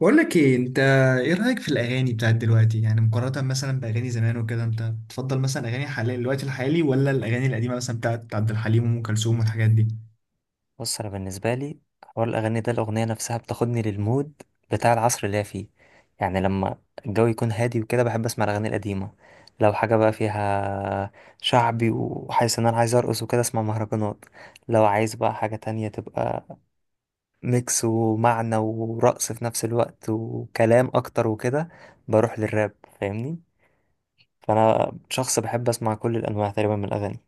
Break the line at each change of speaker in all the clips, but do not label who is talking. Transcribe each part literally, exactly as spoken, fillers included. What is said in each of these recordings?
بقول لك ايه انت؟ ايه رايك في الاغاني بتاعت دلوقتي، يعني مقارنه مثلا باغاني زمان وكده؟ انت بتفضل مثلا اغاني حاليا الوقت الحالي، ولا الاغاني القديمه مثلا بتاعت عبد الحليم وام كلثوم والحاجات دي؟
بص، انا بالنسبه لي حوار الاغاني ده الاغنيه نفسها بتاخدني للمود بتاع العصر اللي هي فيه. يعني لما الجو يكون هادي وكده، بحب اسمع الاغاني القديمه. لو حاجه بقى فيها شعبي وحاسس ان انا عايز ارقص وكده، اسمع مهرجانات. لو عايز بقى حاجه تانية تبقى ميكس ومعنى ورقص في نفس الوقت وكلام اكتر وكده، بروح للراب. فاهمني؟ فانا شخص بحب اسمع كل الانواع تقريبا من الاغاني.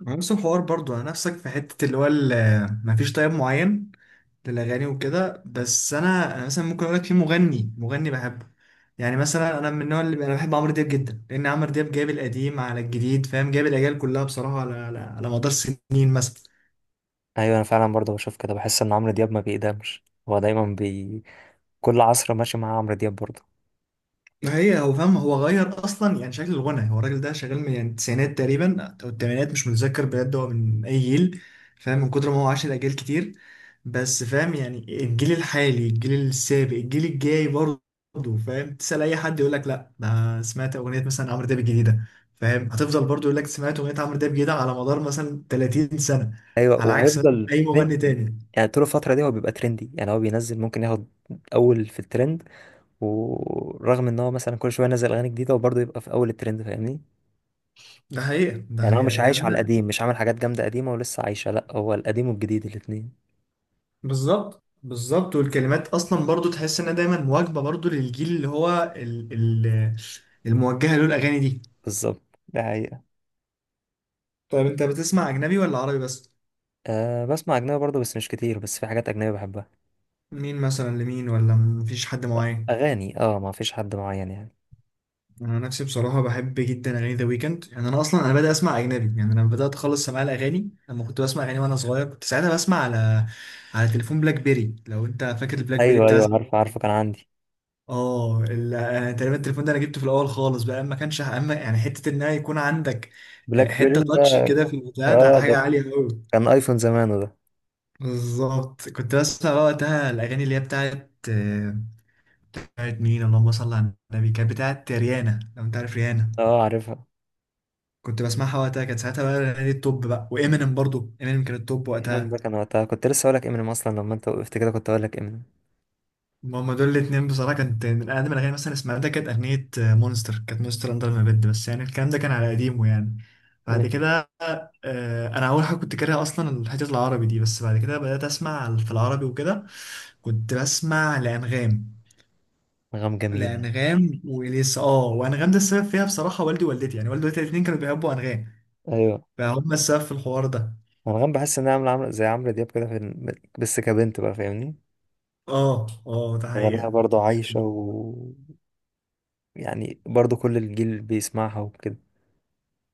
ما نفس الحوار برضو، انا نفسك في حته اللي هو ال- ما فيش طيب معين للاغاني وكده. بس انا انا مثلا ممكن اقول لك في مغني، مغني بحبه. يعني مثلا انا من النوع اللي انا بحب عمرو دياب جدا، لان عمرو دياب جايب القديم على الجديد، فاهم؟ جايب الاجيال كلها بصراحه على على, على مدار سنين مثلا.
ايوه، انا فعلا برضه بشوف كده. بحس ان عمرو دياب ما بيقدمش، هو دايما كل عصر ماشي معاه عمرو دياب برضه.
ما هي هو فاهم، هو غير اصلا يعني شكل الغنى. هو الراجل ده شغال من يعني التسعينات تقريبا او الثمانينات، مش متذكر بجد هو من اي جيل. فاهم؟ من كتر ما هو عاش الاجيال كتير. بس فاهم يعني، الجيل الحالي، الجيل السابق، الجيل الجاي برضه. فاهم؟ تسأل اي حد يقول لك لا، ده سمعت اغنيه مثلا عمرو دياب الجديده. فاهم؟ هتفضل برضه يقول لك سمعت اغنيه عمرو دياب الجديده على مدار مثلا تلاتين سنه،
ايوه،
على عكس مثلا
وهيفضل
اي مغني
ترند.
تاني.
يعني طول الفتره دي هو بيبقى ترندي، يعني هو بينزل ممكن ياخد اول في الترند. ورغم ان هو مثلا كل شويه ينزل اغاني جديده، وبرضه يبقى في اول الترند، فاهمني؟
ده حقيقه، ده
يعني هو
حقيقه
مش
يعني.
عايش على القديم، مش عامل حاجات جامده قديمه ولسه عايشه. لا، هو القديم والجديد الاتنين.
بالظبط بالظبط، والكلمات اصلا برضو تحس انها دايما مواكبه برضو للجيل اللي هو ال ال الموجهه له الاغاني دي.
بالظبط، ده حقيقة.
طيب انت بتسمع اجنبي ولا عربي بس؟
أه، بسمع أجنبي برضه بس مش كتير، بس في حاجات أجنبية بحبها.
مين مثلا؟ لمين؟ ولا مفيش حد معين؟
أغاني، أه، ما فيش حد معين يعني.
انا نفسي بصراحه بحب جدا اغاني ذا ويكند. يعني انا اصلا انا بدأت اسمع اجنبي، يعني انا بدأت خالص سماع الاغاني لما كنت بسمع اغاني وانا صغير. كنت ساعتها بسمع على على تليفون بلاك بيري، لو انت فاكر البلاك بيري
أيوه
بتاع
أيوه، عارفه عارفه، كان عندي
اه ال- آه، تقريبا. التليفون ده انا جبته في الاول خالص بقى، ما كانش اما يعني حته ان يكون عندك آه،
بلاك
حته
بيري
تاتش
ده.
كده في البتاع ده
أه،
حاجه
ده
عاليه قوي.
كان أيفون زمانه ده.
بالظبط. كنت بسمع بقى وقتها الاغاني اللي هي بتاعت آه، بتاعت مين؟ اللهم صل على النبي، كانت بتاعت ريانا، لو انت عارف ريانا.
أه، عارفها.
كنت بسمعها وقتها، كانت ساعتها بقى الاغاني التوب، بقى وامينيم برضو، امينيم كان التوب
انغام
وقتها.
ده كان وقتها، كنت لسه هقولك امينيم، اصلا لما انت وقفت كده كنت هقولك امينيم.
ما هما دول الاتنين بصراحة كانت من أقدم الأغاني مثلا سمعتها، كانت أغنية مونستر، كانت مونستر أندر ما بيد، بس يعني الكلام ده كان على قديمه يعني. بعد
مم.
كده آه، أنا أول حاجة كنت كاره أصلا الحتة العربي دي، بس بعد كده بدأت أسمع في العربي وكده. كنت بسمع لأنغام،
انغام جميلة.
لأنغام وإليسا. أه، وأنغام ده السبب فيها بصراحة والدي ووالدتي، يعني والدي ووالدتي الاتنين كانوا بيحبوا أنغام،
ايوه،
فهم السبب في الحوار ده.
انغام بحس انها عاملة عاملة زي عمرو دياب كده في ال-، بس كبنت بقى، فاهمني؟
أه أه ده
غناها
حقيقة.
برضه عايشة و... يعني برضه كل الجيل بيسمعها وكده.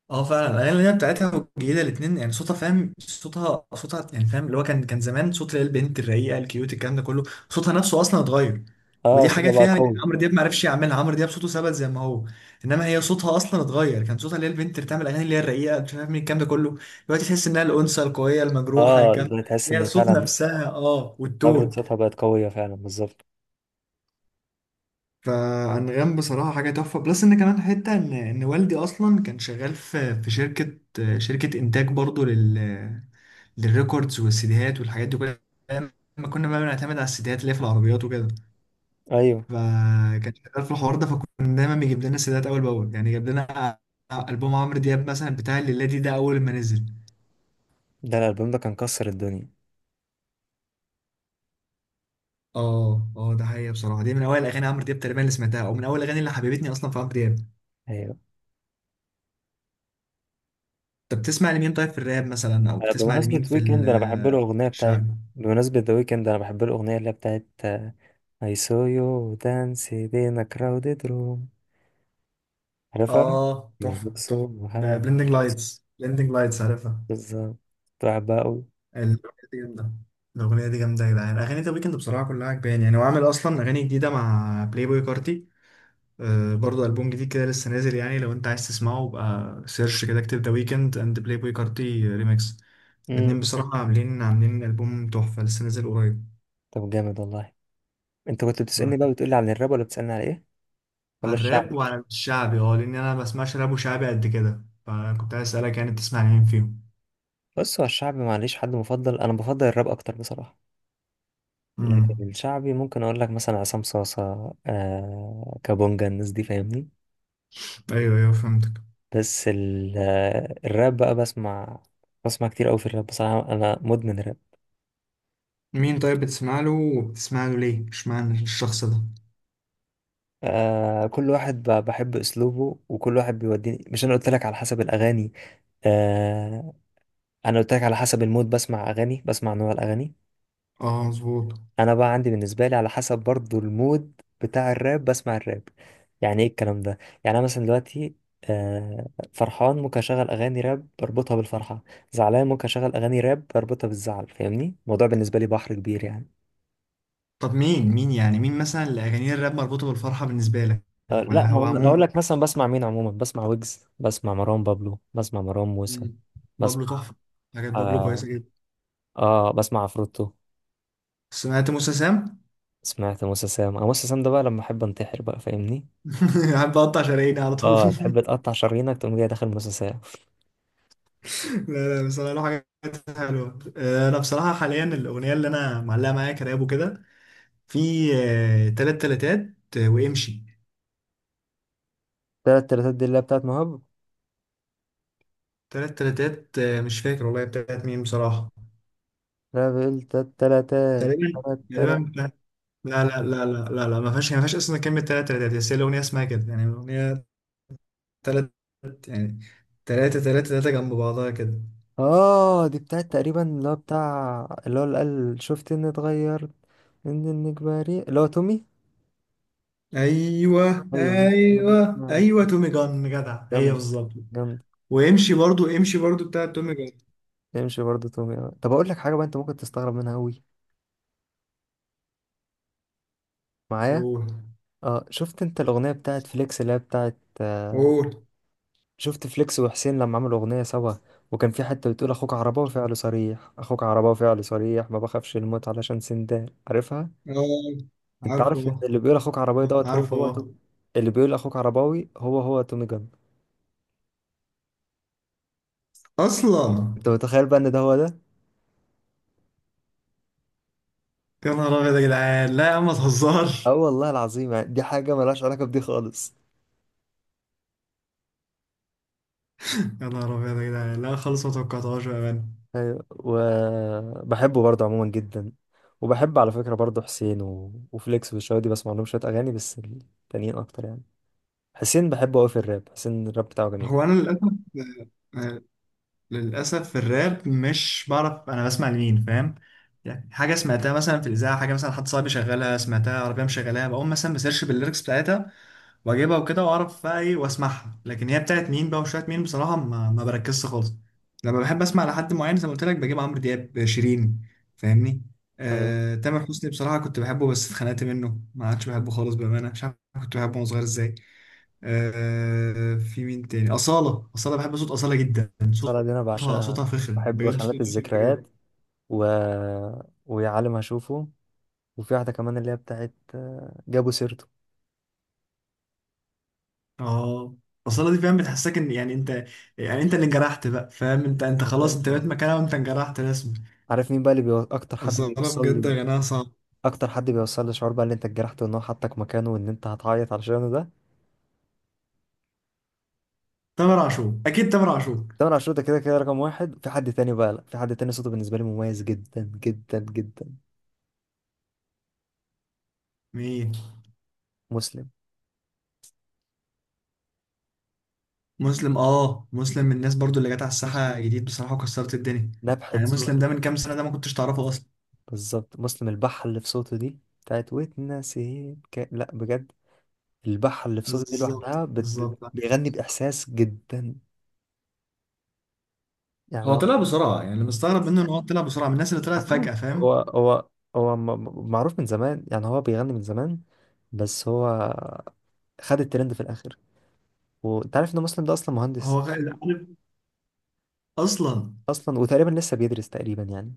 اه فعلا، الاغاني اللي هي بتاعتها الجديده الاثنين، يعني صوتها، فاهم؟ صوتها، صوتها يعني، فاهم اللي هو، كان كان زمان صوت اللي هي البنت الرقيقه الكيوت الكلام ده كله. صوتها نفسه اصلا اتغير.
اه،
ودي حاجه
صوتها بقى
فيها يعني
قوي.
عمرو دياب ما عرفش يعملها. عمرو دياب صوته ثبت زي ما هو، انما هي صوتها اصلا اتغير. كان صوتها اللي هي البنت اللي بتعمل اغاني اللي هي الرقيقه مش عارف مين الكلام ده كله، دلوقتي تحس انها الانثى القويه المجروحه.
اه،
كان
ده تحس
هي
ان
صوت
فعلا
نفسها، اه،
نبرة
والتون.
صوتها بقت قوية فعلا، بالظبط.
فأنغام بصراحة حاجة تحفة. بلس إن كمان حتة إن إن والدي أصلا كان شغال في في شركة، شركة إنتاج برضو لل للريكوردز والسيديهات والحاجات دي كلها، أيام ما كنا بقى بنعتمد على السيديهات اللي هي في العربيات وكده.
ايوه،
فكان شغال في الحوار ده، فكنا دايما بيجيب لنا السيديهات أول بأول. يعني جاب لنا ألبوم عمرو دياب مثلا بتاع الليلادي ده أول ما نزل.
ده الالبوم ده كان كسر الدنيا.
اه اه، ده حقيقة. بصراحة دي من أول أغاني عمرو دياب تقريبا اللي سمعتها، أو من أول أغاني اللي حببتني أصلا في عمرو دياب.
ايوه.
طب بتسمع لمين طيب في الراب مثلا؟ او
آه،
بتسمع
بمناسبة
لمين في
ويكند انا بحب
ال-
له الاغنية
في
بتاعت،
الشعب؟
بمناسبة ذا ويكند انا بحب له الاغنية اللي هي بتاعت I saw you dance in a crowded room، عارفها؟
اه تحفه تحفه.
يلبسوها.
بلندنج لايتس، بلندنج لايتس، عارفها؟
بالظبط، كنت بحبها أوي.
الاغنيه دي جامده، الاغنيه دي جامده يا جدعان. اغاني ذا ويكند بصراحه كلها عجباني. يعني هو عامل اصلا اغاني جديده مع بلاي بوي كارتي، آه، برضه البوم جديد كده لسه نازل. يعني لو انت عايز تسمعه بقى سيرش كده، اكتب ذا ويكند اند بلاي بوي كارتي ريميكس.
مم.
الاتنين بصراحه عاملين عاملين البوم تحفه لسه نازل قريب.
طب جامد والله. أنت كنت بتسألني بقى بتقولي عن الراب ولا بتسألني على إيه؟ ولا
على الراب
الشعبي؟
وعلى الشعبي، اه، لان انا ما بسمعش راب وشعبي قد كده، فكنت عايز اسالك يعني بتسمع مين فيهم؟
بص، هو الشعبي معليش حد مفضل، أنا بفضل الراب أكتر بصراحة. لكن
امم
الشعبي ممكن أقول لك مثلا عصام صاصة، آه، كابونجا، الناس دي، فاهمني؟
ايوه ايوه فهمتك.
بس ال-، آه، الراب بقى بسمع، بسمع كتير أوي في الراب بصراحة، أنا مدمن راب.
مين طيب بتسمع له، وبتسمع له ليه؟ اشمعنى الشخص ده؟
آه، كل واحد ب- بحب اسلوبه، وكل واحد بيوديني. مش انا قلت لك على حسب الاغاني؟ آه. انا قلت لك على حسب المود بسمع اغاني، بسمع نوع الاغاني.
اه مظبوط.
انا بقى عندي بالنسبه لي على حسب برضو المود بتاع الراب بسمع الراب. يعني ايه الكلام ده؟ يعني انا مثلا دلوقتي آه فرحان، ممكن اشغل اغاني راب بربطها بالفرحه. زعلان، ممكن اشغل اغاني راب بربطها بالزعل، فاهمني؟ الموضوع بالنسبه لي بحر كبير يعني.
طب مين مين يعني، مين مثلا اللي اغاني الراب مربوطه بالفرحه بالنسبه لك؟
آه لا،
ولا
ما
هو
أنا-، لو اقول
عموما؟
لك مثلا بسمع مين عموما، بسمع ويجز، بسمع مروان بابلو، بسمع مروان موسى،
مم. بابلو
بسمع
تحفه، حاجات بابلو
آه,
كويسه جدا.
اه بسمع عفروتو.
سمعت موسى سام؟
سمعت موسى سام. آه، موسى سام ده بقى لما احب انتحر بقى، فاهمني؟
قاعد بقطع شراييني على طول
اه، تحب تقطع شرايينك تقوم جاي داخل موسى سام.
لا لا بصراحه له حاجات حلوه. آه، انا بصراحه حاليا الاغنيه اللي انا معلقه معايا كراب وكده، في آه، تلات تلاتات، آه، وامشي.
تلات تلاتات دي اللي هي بتاعت مهاب.
تلات تلاتات، آه، مش فاكر والله بتاعت مين بصراحة.
لا، بقول تلات تلاتات،
تقريبا،
تلات
تقريبا
تلات.
بتاعت- لا لا لا لا لا لا، ما فيهاش، ما فيهاش اصلا كلمة تلات تلاتات، بس هي الأغنية اسمها كده يعني. الأغنية تلات، يعني تلاتة تلاتة تلاتة جنب بعضها كده.
اه، دي بتاعت تقريبا اللي هو بتاع اللي هو اللي قال "شفت اني اتغيرت من انك بريء"، اللي هو تومي.
أيوه
ايوه، بس ما
أيوه أيوه،
عرفتها.
تومي جان جدع، هي
جامد،
بالظبط.
جامد.
وامشي برضو، امشي برضو بتاعت تومي جان.
يمشي برضه تومي. آه. طب اقول لك حاجه بقى، انت ممكن تستغرب منها قوي معايا.
قول.
اه، شفت انت الاغنيه بتاعت فليكس اللي هي بتاعت آه،
قول.
شفت فليكس وحسين لما عملوا أغنية سوا؟ وكان في حتة بتقول "أخوك عرباوي فعله صريح، أخوك عرباوي فعله صريح، ما بخافش الموت علشان سندان"، عارفها؟
اه
أنت
عارفه،
عارف إن اللي بيقول "أخوك عرباوي"
آه،
دوت هو
عارفه
هو
آه.
توم-، اللي بيقول "أخوك عرباوي" هو هو تومي جان.
اصلا؟
أنت متخيل بقى إن ده هو ده؟
يا نهار ابيض يا جدعان، لا يا عم ما
أه
تهزرش.
والله العظيم، يعني دي حاجة ملهاش علاقة بدي خالص.
يا نهار ابيض يا جدعان، لا خالص ما توقعتهاش بامانه.
أيوة. وبحبه برضه عموما جدا، وبحب على فكرة برضه حسين و... وفليكس، والشباب دي بسمع لهم شوية أغاني، بس التانيين أكتر يعني. حسين بحبه أوي في الراب، حسين الراب بتاعه جميل.
هو انا للاسف آه، آه، للاسف في الراب مش بعرف انا بسمع لمين. فاهم؟ يعني حاجه سمعتها مثلا في الاذاعه، حاجه مثلا حد صاحبي شغالها، سمعتها عربيه مشغلاها، بقوم مثلا بسيرش بالليركس بتاعتها واجيبها وكده، واعرف بقى ايه واسمعها. لكن هي بتاعت مين بقى وشويه مين، بصراحه ما, ما بركزش خالص. لما بحب اسمع لحد معين زي ما قلت لك بجيب عمرو دياب، شيرين، فاهمني.
أيوة.
آه، تامر حسني بصراحه كنت بحبه، بس اتخنقت منه، ما عادش بحبه خالص بامانه مش عارف. كنت بحبه وانا صغير ازاي! آه، في مين تاني؟ اصاله، اصاله، بحب صوت اصاله جدا،
الصلاة دي أنا
صوتها،
بعشقها.
صوتها فخم
بحب
بجد، صوتها
"خانات
فخم
الذكريات"
بجد.
و... "ويا عالم أشوفه"، وفي واحدة كمان اللي هي بتاعت آه، "جابوا سيرته".
اه، اصاله دي فاهم بتحسسك ان، يعني انت، يعني انت اللي انجرحت بقى، فاهم؟ انت انت خلاص
عارفين؟
انت بقيت
آه.
مكانها، وانت انجرحت رسمي.
عارف مين بقى اللي بيو-، أكتر حد
اصل انا
بيوصل
بجد
لي،
غناها صعب.
أكتر حد بيوصل لي شعور بقى اللي أنت اتجرحت وإن هو حطك مكانه وإن أنت هتعيط علشانه ده؟
تامر عاشور اكيد تامر عاشور.
تامر عاشور. ده كده كده رقم واحد. في حد تاني بقى، لأ، في حد تاني صوته بالنسبة لي مميز جدا جدا جدا.
مين؟
مسلم.
مسلم؟ اه مسلم من الناس برضو اللي جت على الساحه
مسلم،
جديد بصراحه وكسرت الدنيا.
نبحة
يعني مسلم
صوته.
ده من كام سنه ده ما كنتش تعرفه اصلا.
بالظبط. مسلم، البحة اللي في صوته دي بتاعت "واتنسيت" ك-، لا بجد البحة اللي في صوتي دي
بالظبط
لوحدها بت-، بت-
بالظبط.
بيغني بإحساس جدا. يعني
هو
هو،
طلع بسرعه، يعني اللي مستغرب منه ان هو طلع بسرعه من الناس اللي طلعت فجاه.
عارفين هو
فاهم؟
هو هو م- م- معروف من زمان، يعني هو بيغني من زمان، بس هو خد الترند في الآخر. وأنت عارف إن مسلم ده أصلا
هو
مهندس؟
غ- عارف اصلا،
أصلا وتقريبا لسه بيدرس تقريبا يعني.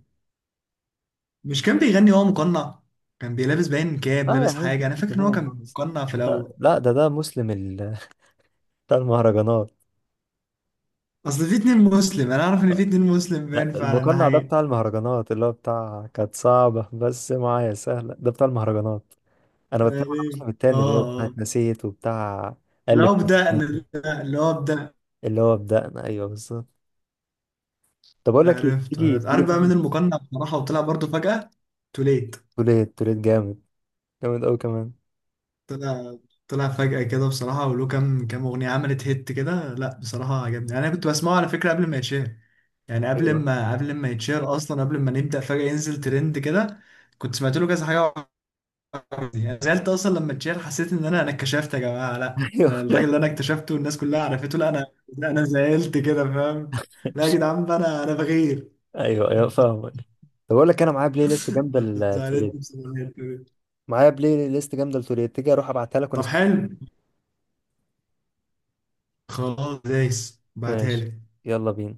مش كان بيغني وهو مقنع؟ كان بيلابس باين كاب،
اه، يا
لابس
حبيبي انت
حاجه،
في
انا
حته
فاكر ان هو
ثانيه
كان
خالص.
مقنع في
لا
الاول.
لا، ده ده مسلم ال-، بتاع المهرجانات.
اصل في اتنين مسلم، انا اعرف ان في اتنين مسلم،
لا،
باين فعلا ده
المقنع ده
حقيقي.
بتاع المهرجانات، اللي هو بتاع "كانت صعبة بس معايا سهلة"، ده بتاع المهرجانات. انا بتكلم عن
تقريبا،
الموسم
اه،
التاني اللي هو بتاع
آه.
"اتنسيت" وبتاع "الف"،
لو بدأنا، لا، لو بدأ.
اللي هو "بدأنا"، ايوه بالظبط. طب اقول لك ايه،
عرفت
تيجي
عرفت،
تيجي
عارف بقى
نروح
مين المقنع بصراحة وطلع برضو فجأة؟ توليت.
توليت. توليت جامد، جامد قوي كمان.
طلع، طلع فجأة كده بصراحة، وله كام كام أغنية عملت هيت كده. لا بصراحة عجبني، يعني أنا كنت بسمعه على فكرة قبل ما يتشهر. يعني قبل
ايوه.
ما قبل ما يتشهر أصلا، قبل ما نبدأ فجأة ينزل ترند كده، كنت سمعت له كذا حاجة وعجبني. يعني زعلت أصلا لما اتشهر، حسيت إن أنا أنا اتكشفت. يا جماعة لا، أنا الراجل
ايوه
اللي أنا اكتشفته والناس كلها عرفته، لا أنا، لا أنا زعلت كده، فاهم؟ لا يا جدعان بقى، أنا أنا بغير.
ايوه ايوه، فاهمك. طب اقول لك، انا معايا بلاي ليست جامده
زعلتني
لتوليت،
بصراحة الحتة دي.
معايا بلاي ليست جامده لتوليت، تيجي اروح ابعتها لك
طب
ونسمع.
حلو، خلاص دايس بعتها
ماشي.
لي.
يلا بينا.